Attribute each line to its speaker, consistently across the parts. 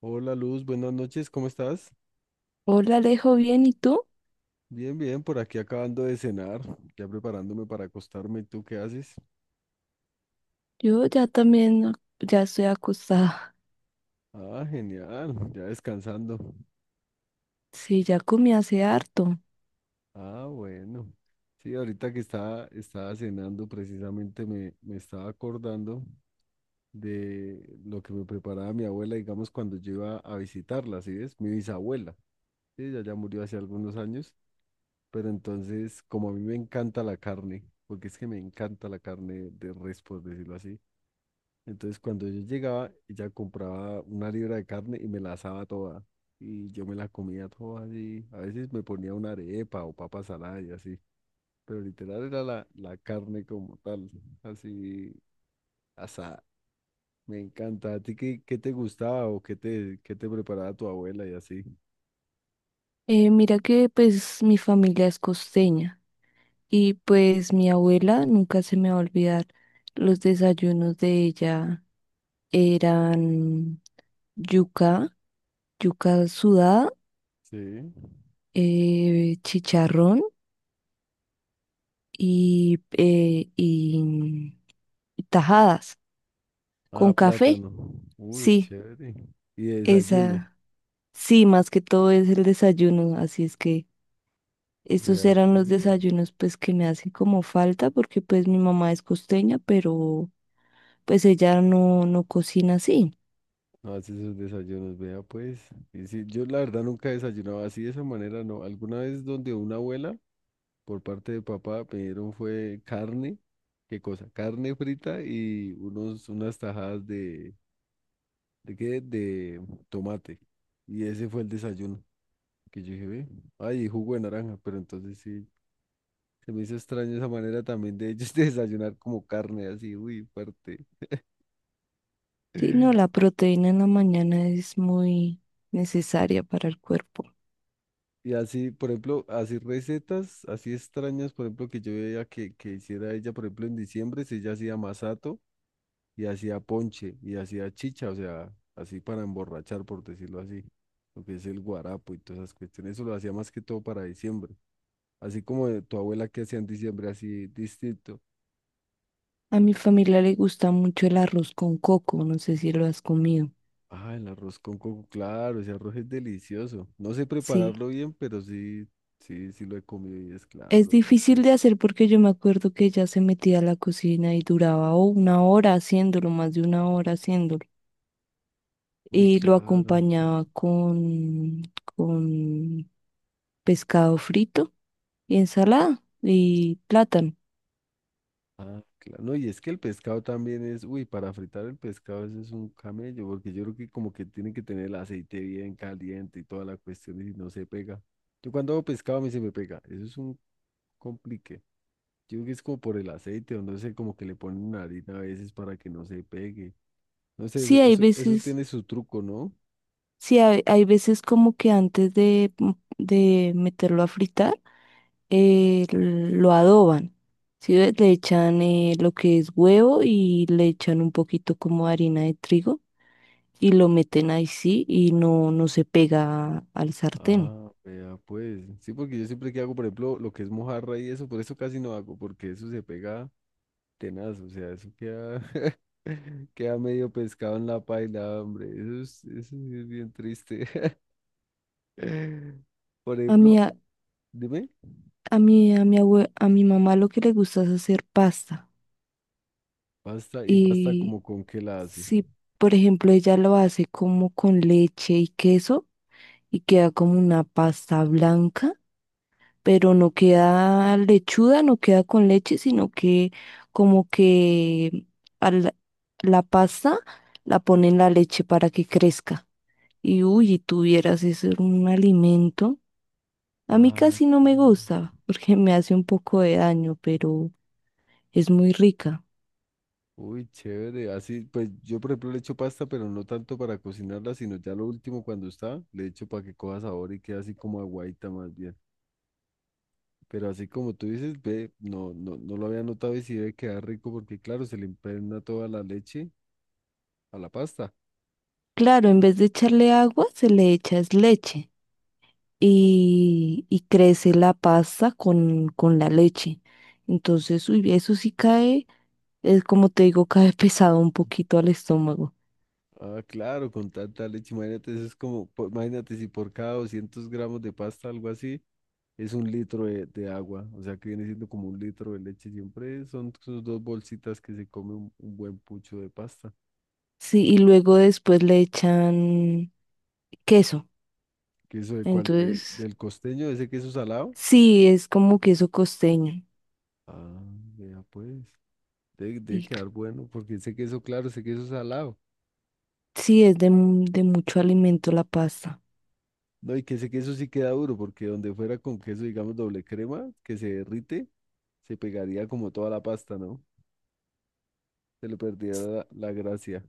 Speaker 1: Hola Luz, buenas noches, ¿cómo estás?
Speaker 2: Hola, Alejo, bien, ¿y tú?
Speaker 1: Bien, bien, por aquí acabando de cenar, ya preparándome para acostarme. ¿Y tú qué haces?
Speaker 2: Yo ya también, ya estoy acostada.
Speaker 1: Ah, genial, ya descansando.
Speaker 2: Sí, ya comí hace harto.
Speaker 1: Ah, bueno. Sí, ahorita que estaba cenando, precisamente me estaba acordando de lo que me preparaba mi abuela, digamos, cuando yo iba a visitarla, ¿sí ves? Mi bisabuela. Sí, ella ya murió hace algunos años, pero entonces, como a mí me encanta la carne, porque es que me encanta la carne de res, por decirlo así. Entonces, cuando yo llegaba, ella compraba una libra de carne y me la asaba toda. Y yo me la comía toda así. A veces me ponía una arepa o papa salada y así. Pero literal era la carne como tal, así asada. Me encanta. ¿A ti qué te gustaba o qué te preparaba tu abuela y así?
Speaker 2: Mira que pues mi familia es costeña y pues mi abuela, nunca se me va a olvidar, los desayunos de ella eran yuca, yuca sudada,
Speaker 1: Sí.
Speaker 2: chicharrón y tajadas
Speaker 1: Ah,
Speaker 2: con café.
Speaker 1: plátano. Uy,
Speaker 2: Sí,
Speaker 1: chévere. Y de desayuno.
Speaker 2: esa, sí, más que todo es el desayuno, así es que... Estos
Speaker 1: Vea,
Speaker 2: eran los
Speaker 1: pues.
Speaker 2: desayunos pues que me hacen como falta porque pues mi mamá es costeña, pero pues ella no cocina así.
Speaker 1: No hace sus desayunos, vea pues. Y sí, yo la verdad nunca desayunaba así de esa manera, no. Alguna vez donde una abuela, por parte de papá, pidieron fue carne, ¿qué cosa? Carne frita y unas tajadas ¿de qué? De tomate. Y ese fue el desayuno que yo dije, ve, ay, y jugo de naranja, pero entonces sí, se me hizo extraño esa manera también de ellos de desayunar como carne así, uy, fuerte.
Speaker 2: Sí, no, la proteína en la mañana es muy necesaria para el cuerpo.
Speaker 1: Y así, por ejemplo, así recetas, así extrañas, por ejemplo, que yo veía que hiciera ella, por ejemplo, en diciembre, si ella hacía masato y hacía ponche y hacía chicha, o sea, así para emborrachar, por decirlo así, lo que es el guarapo y todas esas cuestiones, eso lo hacía más que todo para diciembre, así como de tu abuela que hacía en diciembre, así distinto.
Speaker 2: A mi familia le gusta mucho el arroz con coco, no sé si lo has comido.
Speaker 1: Ah, el arroz con coco, claro, ese arroz es delicioso. No sé
Speaker 2: Sí,
Speaker 1: prepararlo bien, pero sí, sí, sí lo he comido y es
Speaker 2: es
Speaker 1: claro,
Speaker 2: difícil
Speaker 1: delicioso.
Speaker 2: de hacer porque yo me acuerdo que ella se metía a la cocina y duraba oh, una hora haciéndolo, más de una hora haciéndolo.
Speaker 1: Uy,
Speaker 2: Y lo
Speaker 1: claro.
Speaker 2: acompañaba con pescado frito, ensalada y plátano.
Speaker 1: Ah, claro. No, y es que el pescado también es, uy, para fritar el pescado eso es un camello, porque yo creo que como que tiene que tener el aceite bien caliente y toda la cuestión y no se pega. Yo cuando hago pescado a mí se me pega, eso es un complique. Yo creo que es como por el aceite o no sé, como que le ponen una harina a veces para que no se pegue. No sé, eso,
Speaker 2: Sí, hay
Speaker 1: eso, eso
Speaker 2: veces,
Speaker 1: tiene su truco, ¿no?
Speaker 2: sí, hay veces como que antes de, de meterlo a fritar, lo adoban. Sí, ve, le echan lo que es huevo y le echan un poquito como de harina de trigo y lo meten ahí sí y no se pega al sartén.
Speaker 1: Ah, vea, pues. Sí, porque yo siempre que hago, por ejemplo, lo que es mojarra y eso, por eso casi no hago, porque eso se pega tenaz, o sea, eso queda Queda medio pescado en la paila, hombre. Eso es, eso sí es bien triste. Por
Speaker 2: A mi,
Speaker 1: ejemplo,
Speaker 2: a,
Speaker 1: dime,
Speaker 2: a mi abue- a mi mamá lo que le gusta es hacer pasta.
Speaker 1: pasta y pasta como con qué la hace.
Speaker 2: Si, por ejemplo, ella lo hace como con leche y queso y queda como una pasta blanca, pero no queda lechuda, no queda con leche, sino que como que a la, la pasta la pone en la leche para que crezca. Y uy, y tuvieras ese un alimento. A mí
Speaker 1: Ah,
Speaker 2: casi no me
Speaker 1: claro.
Speaker 2: gusta porque me hace un poco de daño, pero es muy rica.
Speaker 1: Uy, chévere. Así, pues yo por ejemplo le echo pasta, pero no tanto para cocinarla, sino ya lo último cuando está, le echo para que coja sabor y quede así como aguaita más bien. Pero así como tú dices, ve, no lo había notado y sí debe quedar rico porque claro, se le impregna toda la leche a la pasta.
Speaker 2: Claro, en vez de echarle agua, se le echa es leche. Y crece la pasta con la leche. Entonces, uy, eso sí cae, es como te digo, cae pesado un poquito al estómago.
Speaker 1: Ah, claro, con tanta leche, imagínate, eso es como, po- imagínate si por cada 200 g de pasta, algo así, es un litro de agua, o sea que viene siendo como un litro de leche, siempre son sus dos bolsitas que se come un buen pucho de pasta.
Speaker 2: Sí, y luego después le echan queso.
Speaker 1: ¿Queso de cuál? ¿Del,
Speaker 2: Entonces,
Speaker 1: del costeño, ese queso salado?
Speaker 2: sí, es como queso costeño.
Speaker 1: Ah, vea pues, debe
Speaker 2: Y
Speaker 1: quedar bueno, porque ese queso, claro, ese queso salado,
Speaker 2: sí, es de, mu- de mucho alimento la pasta.
Speaker 1: no, y que ese queso sí queda duro, porque donde fuera con queso, digamos, doble crema, que se derrite, se pegaría como toda la pasta, ¿no? Se le perdía la gracia.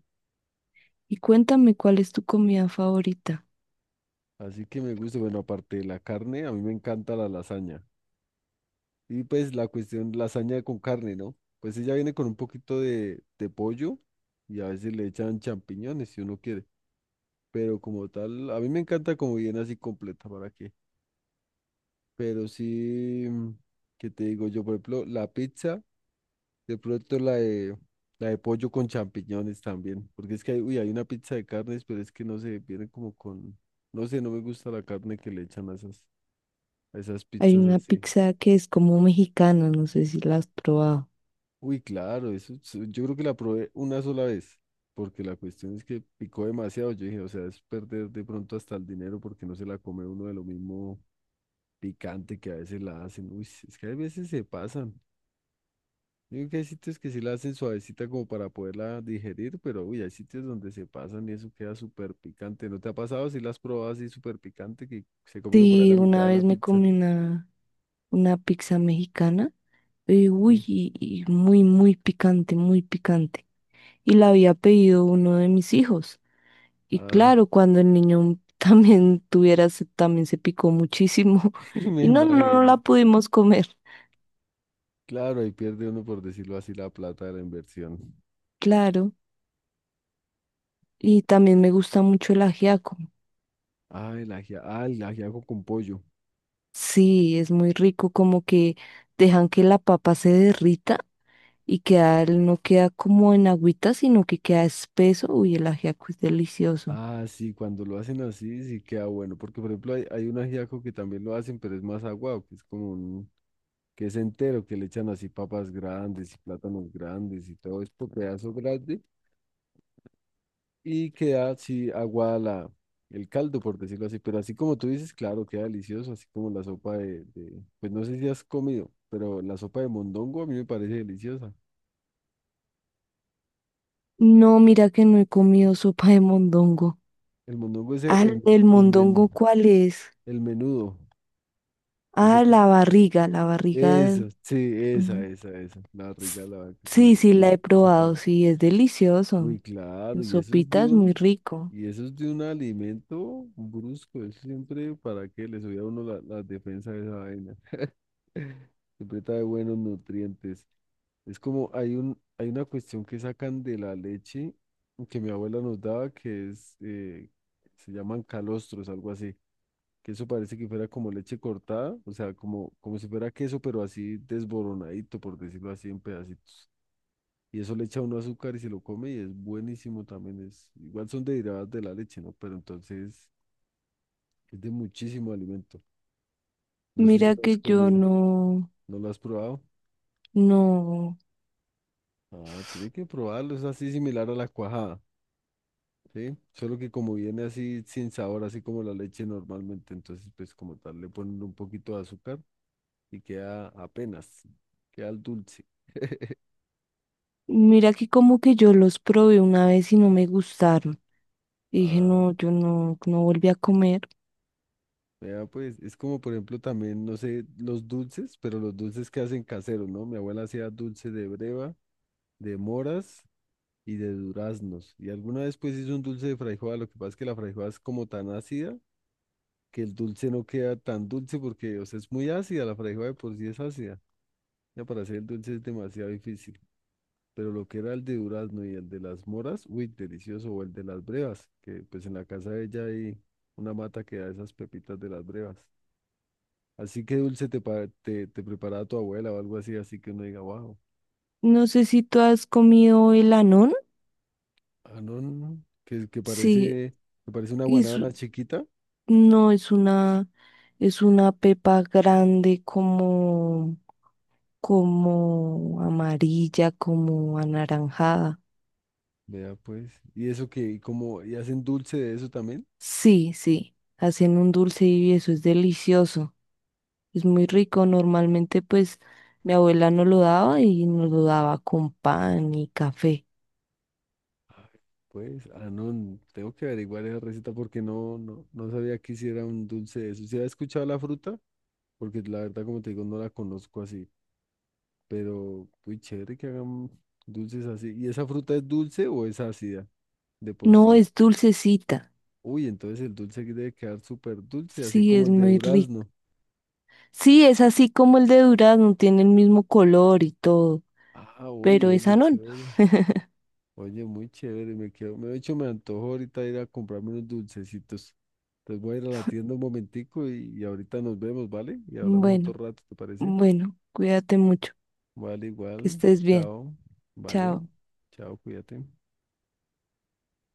Speaker 2: Y cuéntame, ¿cuál es tu comida favorita?
Speaker 1: Así que me gusta, bueno, aparte de la carne, a mí me encanta la lasaña. Y pues la cuestión, lasaña con carne, ¿no? Pues ella viene con un poquito de pollo y a veces le echan champiñones si uno quiere. Pero como tal, a mí me encanta como viene así completa, ¿para qué? Pero sí, ¿qué te digo yo? Por ejemplo, la pizza. De pronto la de pollo con champiñones también, porque es que hay, uy, hay una pizza de carnes, pero es que no sé, viene como con, no sé, no me gusta la carne que le echan a esas
Speaker 2: Hay
Speaker 1: pizzas
Speaker 2: una
Speaker 1: así.
Speaker 2: pizza que es como mexicana, no sé si la has probado.
Speaker 1: Uy, claro, eso, es- yo creo que la probé una sola vez, porque la cuestión es que picó demasiado, yo dije, o sea, es perder de pronto hasta el dinero porque no se la come uno de lo mismo picante que a veces la hacen. Uy, es que a veces se pasan. Yo creo que hay sitios que sí la hacen suavecita como para poderla digerir, pero uy, hay sitios donde se pasan y eso queda súper picante. ¿No te ha pasado si la has probado así súper picante que se come uno por ahí
Speaker 2: Sí,
Speaker 1: la mitad
Speaker 2: una
Speaker 1: de
Speaker 2: vez
Speaker 1: la
Speaker 2: me
Speaker 1: pizza?
Speaker 2: comí una pizza mexicana. Y uy,
Speaker 1: Sí.
Speaker 2: y muy, muy picante, muy picante. Y la había pedido uno de mis hijos. Y
Speaker 1: Ah,
Speaker 2: claro, cuando el niño también tuviera, se- también se picó muchísimo.
Speaker 1: y me
Speaker 2: Y no, no, no
Speaker 1: imagino.
Speaker 2: la pudimos comer.
Speaker 1: Claro, ahí pierde uno, por decirlo así, la plata de la inversión.
Speaker 2: Claro. Y también me gusta mucho el ajiaco.
Speaker 1: Ah, el ajiaco con pollo.
Speaker 2: Sí, es muy rico, como que dejan que la papa se derrita y queda, no queda como en agüita, sino que queda espeso. Uy, el ajiaco es delicioso.
Speaker 1: Ah, sí, cuando lo hacen así sí queda bueno, porque por ejemplo hay, hay un ajiaco que también lo hacen, pero es más aguado, que es como un que es entero, que le echan así papas grandes y plátanos grandes y todo esto, pedazo grande, y queda así aguada la, el caldo, por decirlo así, pero así como tú dices, claro, queda delicioso, así como la sopa de- pues no sé si has comido, pero la sopa de mondongo a mí me parece deliciosa.
Speaker 2: No, mira que no he comido sopa de mondongo.
Speaker 1: El mondongo es
Speaker 2: Ah, ¿el
Speaker 1: el men-
Speaker 2: mondongo cuál es?
Speaker 1: el menudo, ese
Speaker 2: Ah,
Speaker 1: que
Speaker 2: la
Speaker 1: es.
Speaker 2: barriga, la barriga. De-
Speaker 1: Eso, sí,
Speaker 2: mm,
Speaker 1: esa, la
Speaker 2: s-
Speaker 1: rica, la, como
Speaker 2: Sí, sí, la he
Speaker 1: esa
Speaker 2: probado,
Speaker 1: parte.
Speaker 2: sí, es delicioso.
Speaker 1: Uy, claro,
Speaker 2: En
Speaker 1: y eso es de
Speaker 2: sopita es muy
Speaker 1: un,
Speaker 2: rico.
Speaker 1: y eso es de un alimento brusco, es siempre para que le subía a uno la, la defensa de esa vaina. Siempre trae buenos nutrientes. Es como hay un, hay una cuestión que sacan de la leche que mi abuela nos daba que es, se llaman calostros, algo así, que eso parece que fuera como leche cortada, o sea, como, como si fuera queso, pero así desboronadito, por decirlo así, en pedacitos. Y eso le echa uno azúcar y se lo come y es buenísimo también. Es, igual son derivadas de la leche, ¿no? Pero entonces es de muchísimo alimento. No sé si
Speaker 2: Mira
Speaker 1: lo has
Speaker 2: que yo
Speaker 1: comido,
Speaker 2: no,
Speaker 1: ¿no lo has probado?
Speaker 2: no.
Speaker 1: Ah, tiene que probarlo, es así similar a la cuajada, ¿sí? Solo que como viene así sin sabor, así como la leche normalmente, entonces pues como tal le ponen un poquito de azúcar y queda apenas, queda el dulce.
Speaker 2: Mira que como que yo los probé una vez y no me gustaron. Y dije,
Speaker 1: Ah,
Speaker 2: no, yo no, no volví a comer.
Speaker 1: vea, pues es como por ejemplo también, no sé, los dulces, pero los dulces que hacen caseros, ¿no? Mi abuela hacía dulce de breva, de moras y de duraznos. Y alguna vez pues hizo un dulce de frambuesa, lo que pasa es que la frambuesa es como tan ácida que el dulce no queda tan dulce porque, o sea, es muy ácida, la frambuesa de por sí es ácida. Ya para hacer el dulce es demasiado difícil. Pero lo que era el de durazno y el de las moras, uy, delicioso, o el de las brevas, que pues en la casa de ella hay una mata que da esas pepitas de las brevas. Así que dulce te preparaba tu abuela o algo así, así que uno diga, wow,
Speaker 2: No sé si tú has comido el anón.
Speaker 1: ah, no,
Speaker 2: Sí,
Speaker 1: que parece una
Speaker 2: es,
Speaker 1: guanábana chiquita,
Speaker 2: no, es una pepa grande como, como amarilla, como anaranjada.
Speaker 1: vea pues, y eso que, y como, y hacen dulce de eso también.
Speaker 2: Sí, sí, hacen un dulce y eso es delicioso, es muy rico. Normalmente pues mi abuela no lo daba y nos lo daba con pan y café.
Speaker 1: Ay, pues, ah, no, tengo que averiguar esa receta porque no sabía que hiciera un dulce de eso, si había escuchado la fruta, porque la verdad, como te digo, no la conozco así, pero, muy chévere que hagan dulces así, ¿y esa fruta es dulce o es ácida de por
Speaker 2: No,
Speaker 1: sí?
Speaker 2: es dulcecita,
Speaker 1: Uy, entonces el dulce aquí debe quedar súper dulce, así
Speaker 2: sí,
Speaker 1: como
Speaker 2: es
Speaker 1: el de
Speaker 2: muy rico.
Speaker 1: durazno.
Speaker 2: Sí, es así como el de durazno, tiene el mismo color y todo,
Speaker 1: Ah, oye,
Speaker 2: pero
Speaker 1: oye,
Speaker 2: esa no.
Speaker 1: chévere. Oye, muy chévere. Me quedo, me, de hecho, me antojo ahorita ir a comprarme unos dulcecitos. Entonces voy a ir a la tienda un momentico y ahorita nos vemos, ¿vale? Y hablamos otro
Speaker 2: Bueno,
Speaker 1: rato, ¿te parece?
Speaker 2: bueno, cuídate mucho.
Speaker 1: Vale,
Speaker 2: Que
Speaker 1: igual.
Speaker 2: estés bien.
Speaker 1: Chao. Vale.
Speaker 2: Chao.
Speaker 1: Chao, cuídate.